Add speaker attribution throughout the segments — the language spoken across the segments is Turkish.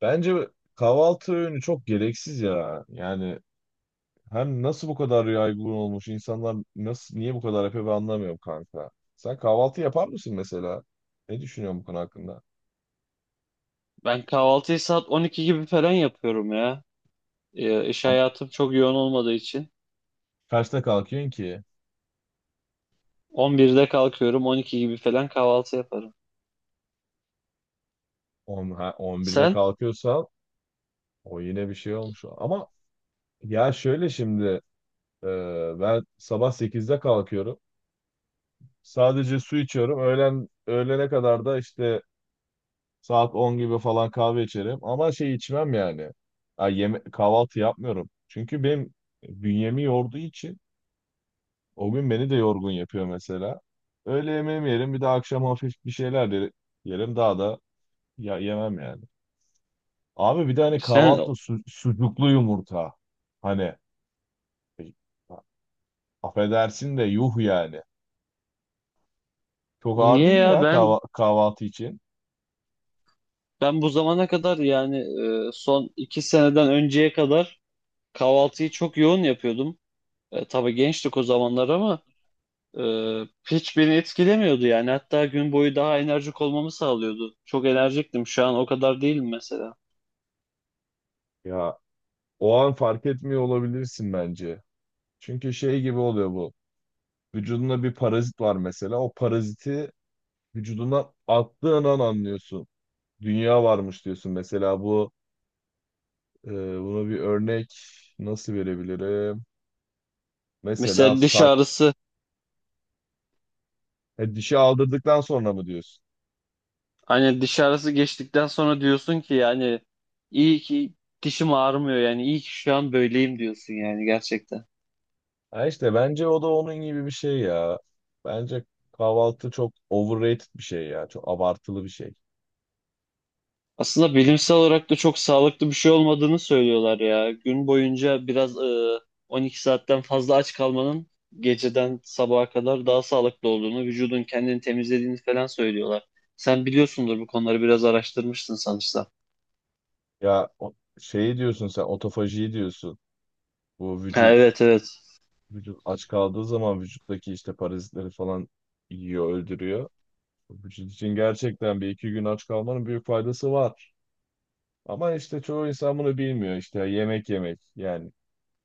Speaker 1: Bence kahvaltı öğünü çok gereksiz ya. Yani hem nasıl bu kadar yaygın olmuş insanlar nasıl niye bu kadar yapıyor ben anlamıyorum kanka. Sen kahvaltı yapar mısın mesela? Ne düşünüyorsun bu konu hakkında?
Speaker 2: Ben kahvaltıyı saat 12 gibi falan yapıyorum ya. İş
Speaker 1: Am-
Speaker 2: hayatım çok yoğun olmadığı için.
Speaker 1: Kaçta kalkıyorsun ki?
Speaker 2: 11'de kalkıyorum, 12 gibi falan kahvaltı yaparım.
Speaker 1: 10, ha, 11'de
Speaker 2: Sen?
Speaker 1: kalkıyorsan o yine bir şey olmuş. Ama ya şöyle şimdi e, ben sabah 8'de kalkıyorum. Sadece su içiyorum. Öğlen öğlene kadar da işte Saat 10 gibi falan kahve içerim ama şey içmem yani. Ha, yeme kahvaltı yapmıyorum. Çünkü benim bünyemi yorduğu için o gün beni de yorgun yapıyor mesela. Öğle yemeğimi yerim, bir de akşam hafif bir şeyler de yerim, daha da ya yemem yani. Abi bir de hani
Speaker 2: Sen
Speaker 1: kahvaltı sucuklu yumurta. Hani e, affedersin de yuh yani. Çok ağır
Speaker 2: niye
Speaker 1: değil mi
Speaker 2: ya?
Speaker 1: ya
Speaker 2: Ben
Speaker 1: kahvaltı için?
Speaker 2: ben bu zamana kadar yani son 2 seneden önceye kadar kahvaltıyı çok yoğun yapıyordum. E, tabii gençtik o zamanlar ama e, hiç beni etkilemiyordu yani. Hatta gün boyu daha enerjik olmamı sağlıyordu. Çok enerjiktim. Şu an o kadar değilim mesela.
Speaker 1: Ya o an fark etmiyor olabilirsin bence. Çünkü şey gibi oluyor bu. Vücudunda bir parazit var mesela. O paraziti vücuduna attığın an anlıyorsun. Dünya varmış diyorsun. Mesela e, buna bir örnek nasıl verebilirim? Mesela
Speaker 2: Mesela diş
Speaker 1: saç.
Speaker 2: ağrısı.
Speaker 1: Dişi aldırdıktan sonra mı diyorsun?
Speaker 2: Hani diş ağrısı geçtikten sonra diyorsun ki yani iyi ki dişim ağrımıyor, yani iyi ki şu an böyleyim diyorsun yani gerçekten.
Speaker 1: Ha işte bence o da onun gibi bir şey ya. Bence kahvaltı çok overrated bir şey ya. Çok abartılı bir şey.
Speaker 2: Aslında bilimsel olarak da çok sağlıklı bir şey olmadığını söylüyorlar ya. Gün boyunca biraz 12 saatten fazla aç kalmanın geceden sabaha kadar daha sağlıklı olduğunu, vücudun kendini temizlediğini falan söylüyorlar. Sen biliyorsundur, bu konuları biraz araştırmıştın sanırsam.
Speaker 1: Ya o- Şeyi diyorsun, sen otofajiyi diyorsun. Bu
Speaker 2: Ha,
Speaker 1: vücut
Speaker 2: evet evet.
Speaker 1: vücut aç kaldığı zaman vücuttaki işte parazitleri falan yiyor, öldürüyor. Bu için gerçekten 1 2 gün aç kalmanın büyük faydası var. Ama işte çoğu insan bunu bilmiyor, işte yemek yemek. Yani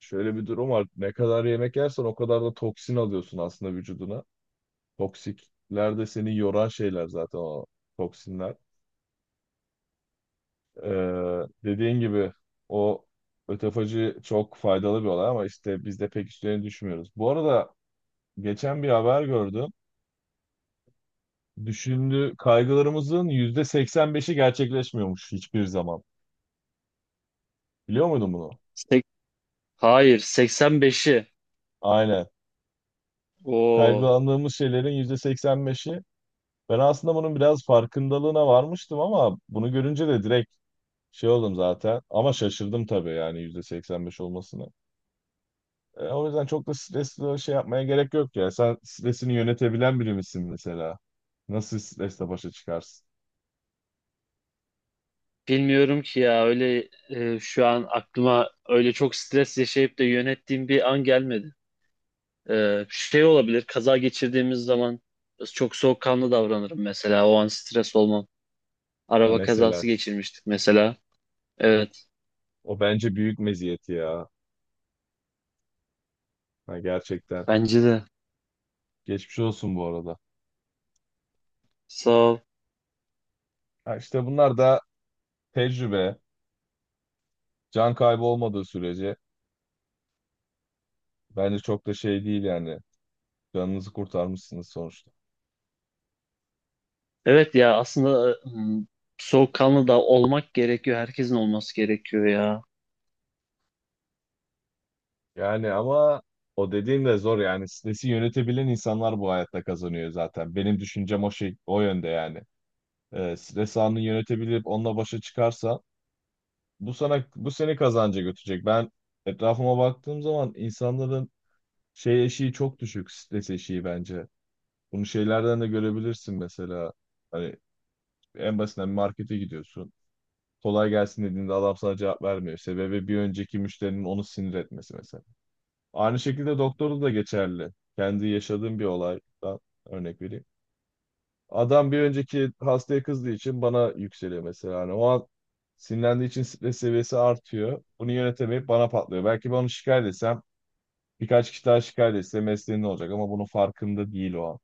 Speaker 1: şöyle bir durum var: ne kadar yemek yersen o kadar da toksin alıyorsun aslında vücuduna. Toksikler de seni yoran şeyler zaten, o toksinler. Ee, Dediğin gibi o ötefacı çok faydalı bir olay ama işte biz de pek üstlerine düşmüyoruz. Bu arada geçen bir haber gördüm. Düşündüğü kaygılarımızın %85'i gerçekleşmiyormuş hiçbir zaman. Biliyor muydun bunu?
Speaker 2: Sek- Hayır, 85'i.
Speaker 1: Aynen.
Speaker 2: Oo.
Speaker 1: Kaygılandığımız şeylerin %85'i. Ben aslında bunun biraz farkındalığına varmıştım ama bunu görünce de direkt şey oldum zaten. Ama şaşırdım tabii yani, %85 olmasına. O yüzden çok da stresli şey yapmaya gerek yok ya. Sen stresini yönetebilen biri misin mesela? Nasıl stresle başa çıkarsın?
Speaker 2: Bilmiyorum ki ya, öyle şu an aklıma öyle çok stres yaşayıp da yönettiğim bir an gelmedi. E, şey olabilir, kaza geçirdiğimiz zaman çok soğukkanlı davranırım mesela, o an stres olmam.
Speaker 1: Ya
Speaker 2: Araba
Speaker 1: mesela
Speaker 2: kazası
Speaker 1: işte.
Speaker 2: geçirmiştik mesela. Evet,
Speaker 1: O bence büyük meziyeti ya. Ha, gerçekten.
Speaker 2: bence de.
Speaker 1: Geçmiş olsun bu arada.
Speaker 2: Sağ ol.
Speaker 1: Ha, işte bunlar da tecrübe, can kaybı olmadığı sürece bence çok da şey değil yani. Canınızı kurtarmışsınız sonuçta.
Speaker 2: Evet ya, aslında soğukkanlı da olmak gerekiyor, herkesin olması gerekiyor ya.
Speaker 1: Yani ama o dediğim de zor yani. Stresi yönetebilen insanlar bu hayatta kazanıyor zaten. Benim düşüncem o şey, o yönde yani. Stres anını yönetebilip onunla başa çıkarsa bu seni kazanca götürecek. Ben etrafıma baktığım zaman insanların şey eşiği çok düşük, stres eşiği bence. Bunu şeylerden de görebilirsin mesela. Hani en basitinden bir markete gidiyorsun. Kolay gelsin dediğinde adam sana cevap vermiyor. Sebebi bir önceki müşterinin onu sinir etmesi mesela. Aynı şekilde doktorda da geçerli. Kendi yaşadığım bir olaydan örnek vereyim. Adam bir önceki hastaya kızdığı için bana yükseliyor mesela. Hani o an sinirlendiği için stres seviyesi artıyor. Bunu yönetemeyip bana patlıyor. Belki ben onu şikayet etsem, birkaç kişi daha şikayet etse mesleğinde olacak ama bunun farkında değil o an.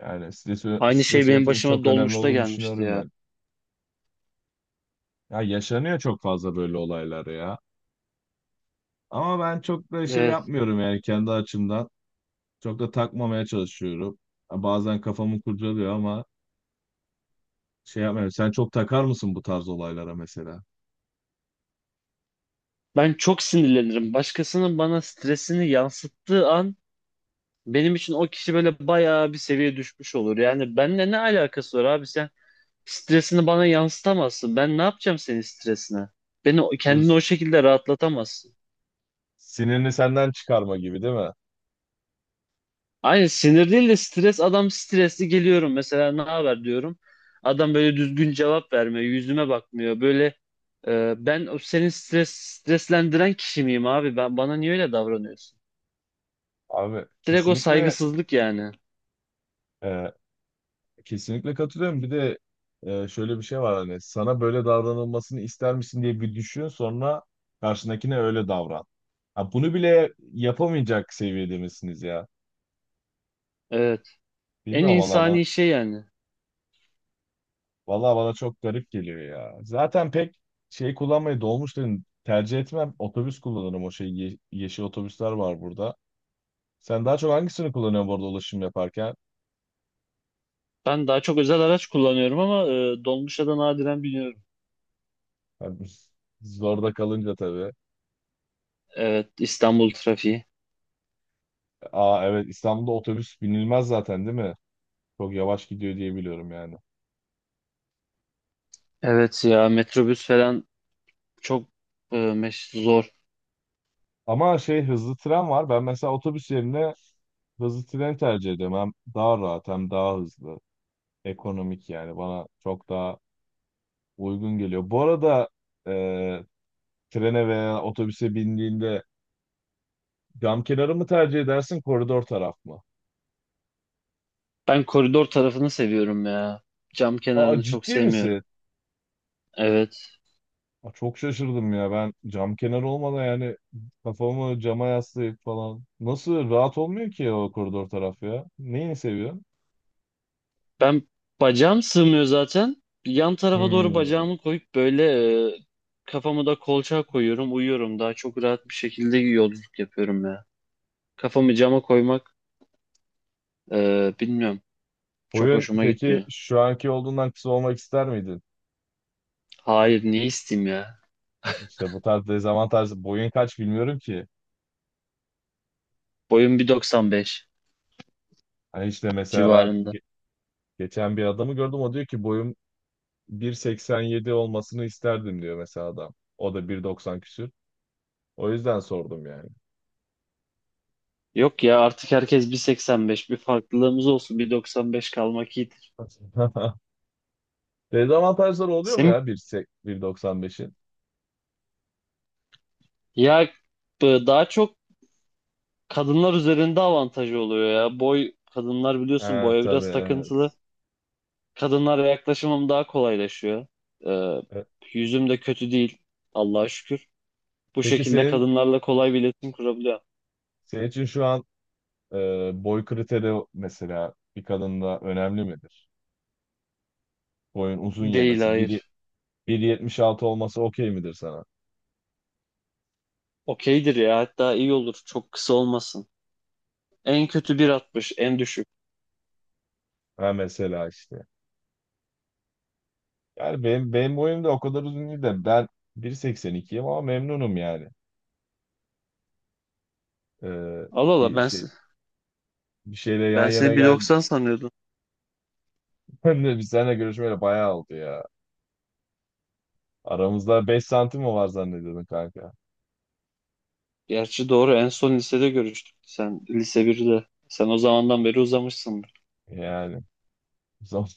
Speaker 1: Yani
Speaker 2: Aynı şey
Speaker 1: stres
Speaker 2: benim
Speaker 1: yönetimi
Speaker 2: başıma
Speaker 1: çok önemli
Speaker 2: dolmuşta
Speaker 1: olduğunu
Speaker 2: gelmişti
Speaker 1: düşünüyorum
Speaker 2: ya.
Speaker 1: yani. Ya yaşanıyor çok fazla böyle olaylar ya. Ama ben çok da şey
Speaker 2: Evet.
Speaker 1: yapmıyorum yani kendi açımdan. Çok da takmamaya çalışıyorum. Ha, bazen kafamı kurcalıyor ama şey yapmıyorum. Sen çok takar mısın bu tarz olaylara mesela?
Speaker 2: Ben çok sinirlenirim. Başkasının bana stresini yansıttığı an benim için o kişi böyle bayağı bir seviye düşmüş olur. Yani benimle ne alakası var abi? Sen stresini bana yansıtamazsın. Ben ne yapacağım senin stresine?
Speaker 1: Bu
Speaker 2: Kendini
Speaker 1: s-
Speaker 2: o şekilde rahatlatamazsın.
Speaker 1: Sinirini senden çıkarma gibi değil mi?
Speaker 2: Aynı sinir değil de stres. Adam stresli, geliyorum mesela, ne haber diyorum. Adam böyle düzgün cevap vermiyor. Yüzüme bakmıyor. Böyle ben o senin streslendiren kişi miyim abi? Ben, bana niye öyle davranıyorsun?
Speaker 1: Abi
Speaker 2: Direkt o
Speaker 1: kesinlikle,
Speaker 2: saygısızlık yani.
Speaker 1: e, kesinlikle katılıyorum. Bir de şöyle bir şey var: hani sana böyle davranılmasını ister misin diye bir düşün, sonra karşındakine öyle davran. Ha, bunu bile yapamayacak seviyede misiniz ya?
Speaker 2: Evet. En
Speaker 1: Bilmiyorum valla.
Speaker 2: insani şey yani.
Speaker 1: Valla bana çok garip geliyor ya. Zaten pek şey kullanmayı, dolmuşları tercih etmem. Otobüs kullanırım, o şey, yeşil otobüsler var burada. Sen daha çok hangisini kullanıyorsun burada ulaşım yaparken?
Speaker 2: Ben daha çok özel araç kullanıyorum ama dolmuşa da nadiren biniyorum.
Speaker 1: Yani zorda kalınca tabii.
Speaker 2: Evet, İstanbul trafiği.
Speaker 1: Aa evet, İstanbul'da otobüs binilmez zaten değil mi? Çok yavaş gidiyor diye biliyorum yani.
Speaker 2: Evet ya, metrobüs falan çok zor.
Speaker 1: Ama şey, hızlı tren var. Ben mesela otobüs yerine hızlı tren tercih ediyorum. Hem daha rahat, hem daha hızlı. Ekonomik, yani bana çok daha uygun geliyor. Bu arada e, trene veya otobüse bindiğinde cam kenarı mı tercih edersin, koridor taraf mı?
Speaker 2: Ben koridor tarafını seviyorum ya. Cam
Speaker 1: Aa,
Speaker 2: kenarını çok
Speaker 1: ciddi
Speaker 2: sevmiyorum.
Speaker 1: misin?
Speaker 2: Evet.
Speaker 1: Aa, çok şaşırdım ya, ben cam kenarı olmadan yani, kafamı cama yaslayıp falan. Nasıl rahat olmuyor ki o koridor taraf ya? Neyini seviyorsun?
Speaker 2: Ben, bacağım sığmıyor zaten. Yan tarafa doğru
Speaker 1: Hmm.
Speaker 2: bacağımı koyup böyle e, kafamı da kolçağa koyuyorum, uyuyorum. Daha çok rahat bir şekilde yolculuk yapıyorum ya. Kafamı cama koymak bilmiyorum. Çok
Speaker 1: Boyun
Speaker 2: hoşuma
Speaker 1: peki
Speaker 2: gitmiyor.
Speaker 1: şu anki olduğundan kısa olmak ister miydin?
Speaker 2: Hayır, ne isteyeyim ya?
Speaker 1: İşte bu tarz dezavantaj, boyun kaç bilmiyorum ki.
Speaker 2: Boyum 1.95
Speaker 1: Hani işte mesela ben
Speaker 2: civarında.
Speaker 1: geçen bir adamı gördüm, o diyor ki boyum 1.87 olmasını isterdim diyor mesela adam. O da 1.90 küsür. O yüzden sordum yani.
Speaker 2: Yok ya, artık herkes 1.85, bir farklılığımız olsun, 1.95 kalmak iyidir.
Speaker 1: Dezavantajları oluyor mu
Speaker 2: Senin
Speaker 1: ya 1.8 1.95'in?
Speaker 2: ya, daha çok kadınlar üzerinde avantajı oluyor ya. Boy, kadınlar biliyorsun
Speaker 1: Ha
Speaker 2: boya
Speaker 1: tabii,
Speaker 2: biraz takıntılı.
Speaker 1: evet.
Speaker 2: Kadınlara yaklaşımım daha kolaylaşıyor. Ee,
Speaker 1: E,
Speaker 2: yüzüm de kötü değil, Allah'a şükür. Bu
Speaker 1: Peki
Speaker 2: şekilde
Speaker 1: senin
Speaker 2: kadınlarla kolay bir iletişim kurabiliyor.
Speaker 1: senin için şu an, e, boy kriteri mesela bir kadında önemli midir? Boyun uzun
Speaker 2: Değil,
Speaker 1: yemesi. 1
Speaker 2: hayır.
Speaker 1: 1.76 olması okey midir sana?
Speaker 2: Okeydir ya, hatta iyi olur, çok kısa olmasın. En kötü 1.60 en düşük.
Speaker 1: Ha mesela işte. Yani benim boyum da o kadar uzun değil de ben 1.82'yim ama memnunum yani. E,
Speaker 2: Allah Allah,
Speaker 1: bir şey Bir şeyle
Speaker 2: ben
Speaker 1: yan yana
Speaker 2: seni
Speaker 1: gel.
Speaker 2: 1.90 sanıyordum.
Speaker 1: Ben de biz seninle görüşmeyeli bayağı oldu ya. Aramızda 5 santim mi var zannediyordun kanka?
Speaker 2: Gerçi doğru, en son lisede görüştük. Sen lise 1'de. Sen o zamandan beri uzamışsındır.
Speaker 1: Yani son-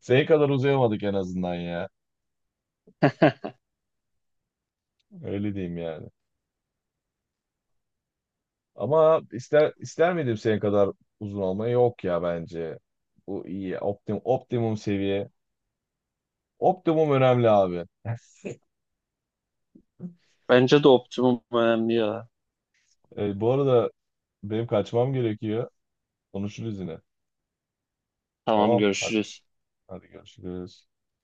Speaker 1: senin kadar uzayamadık en azından ya. Öyle diyeyim yani. Ama ister miydim senin kadar uzun olmayı? Yok ya bence. Bu iyi. Optimum seviye. Optimum önemli abi.
Speaker 2: Bence de optimum önemli ya.
Speaker 1: Bu arada benim kaçmam gerekiyor. Konuşuruz yine.
Speaker 2: Tamam,
Speaker 1: Tamam. Hadi,
Speaker 2: görüşürüz.
Speaker 1: hadi görüşürüz.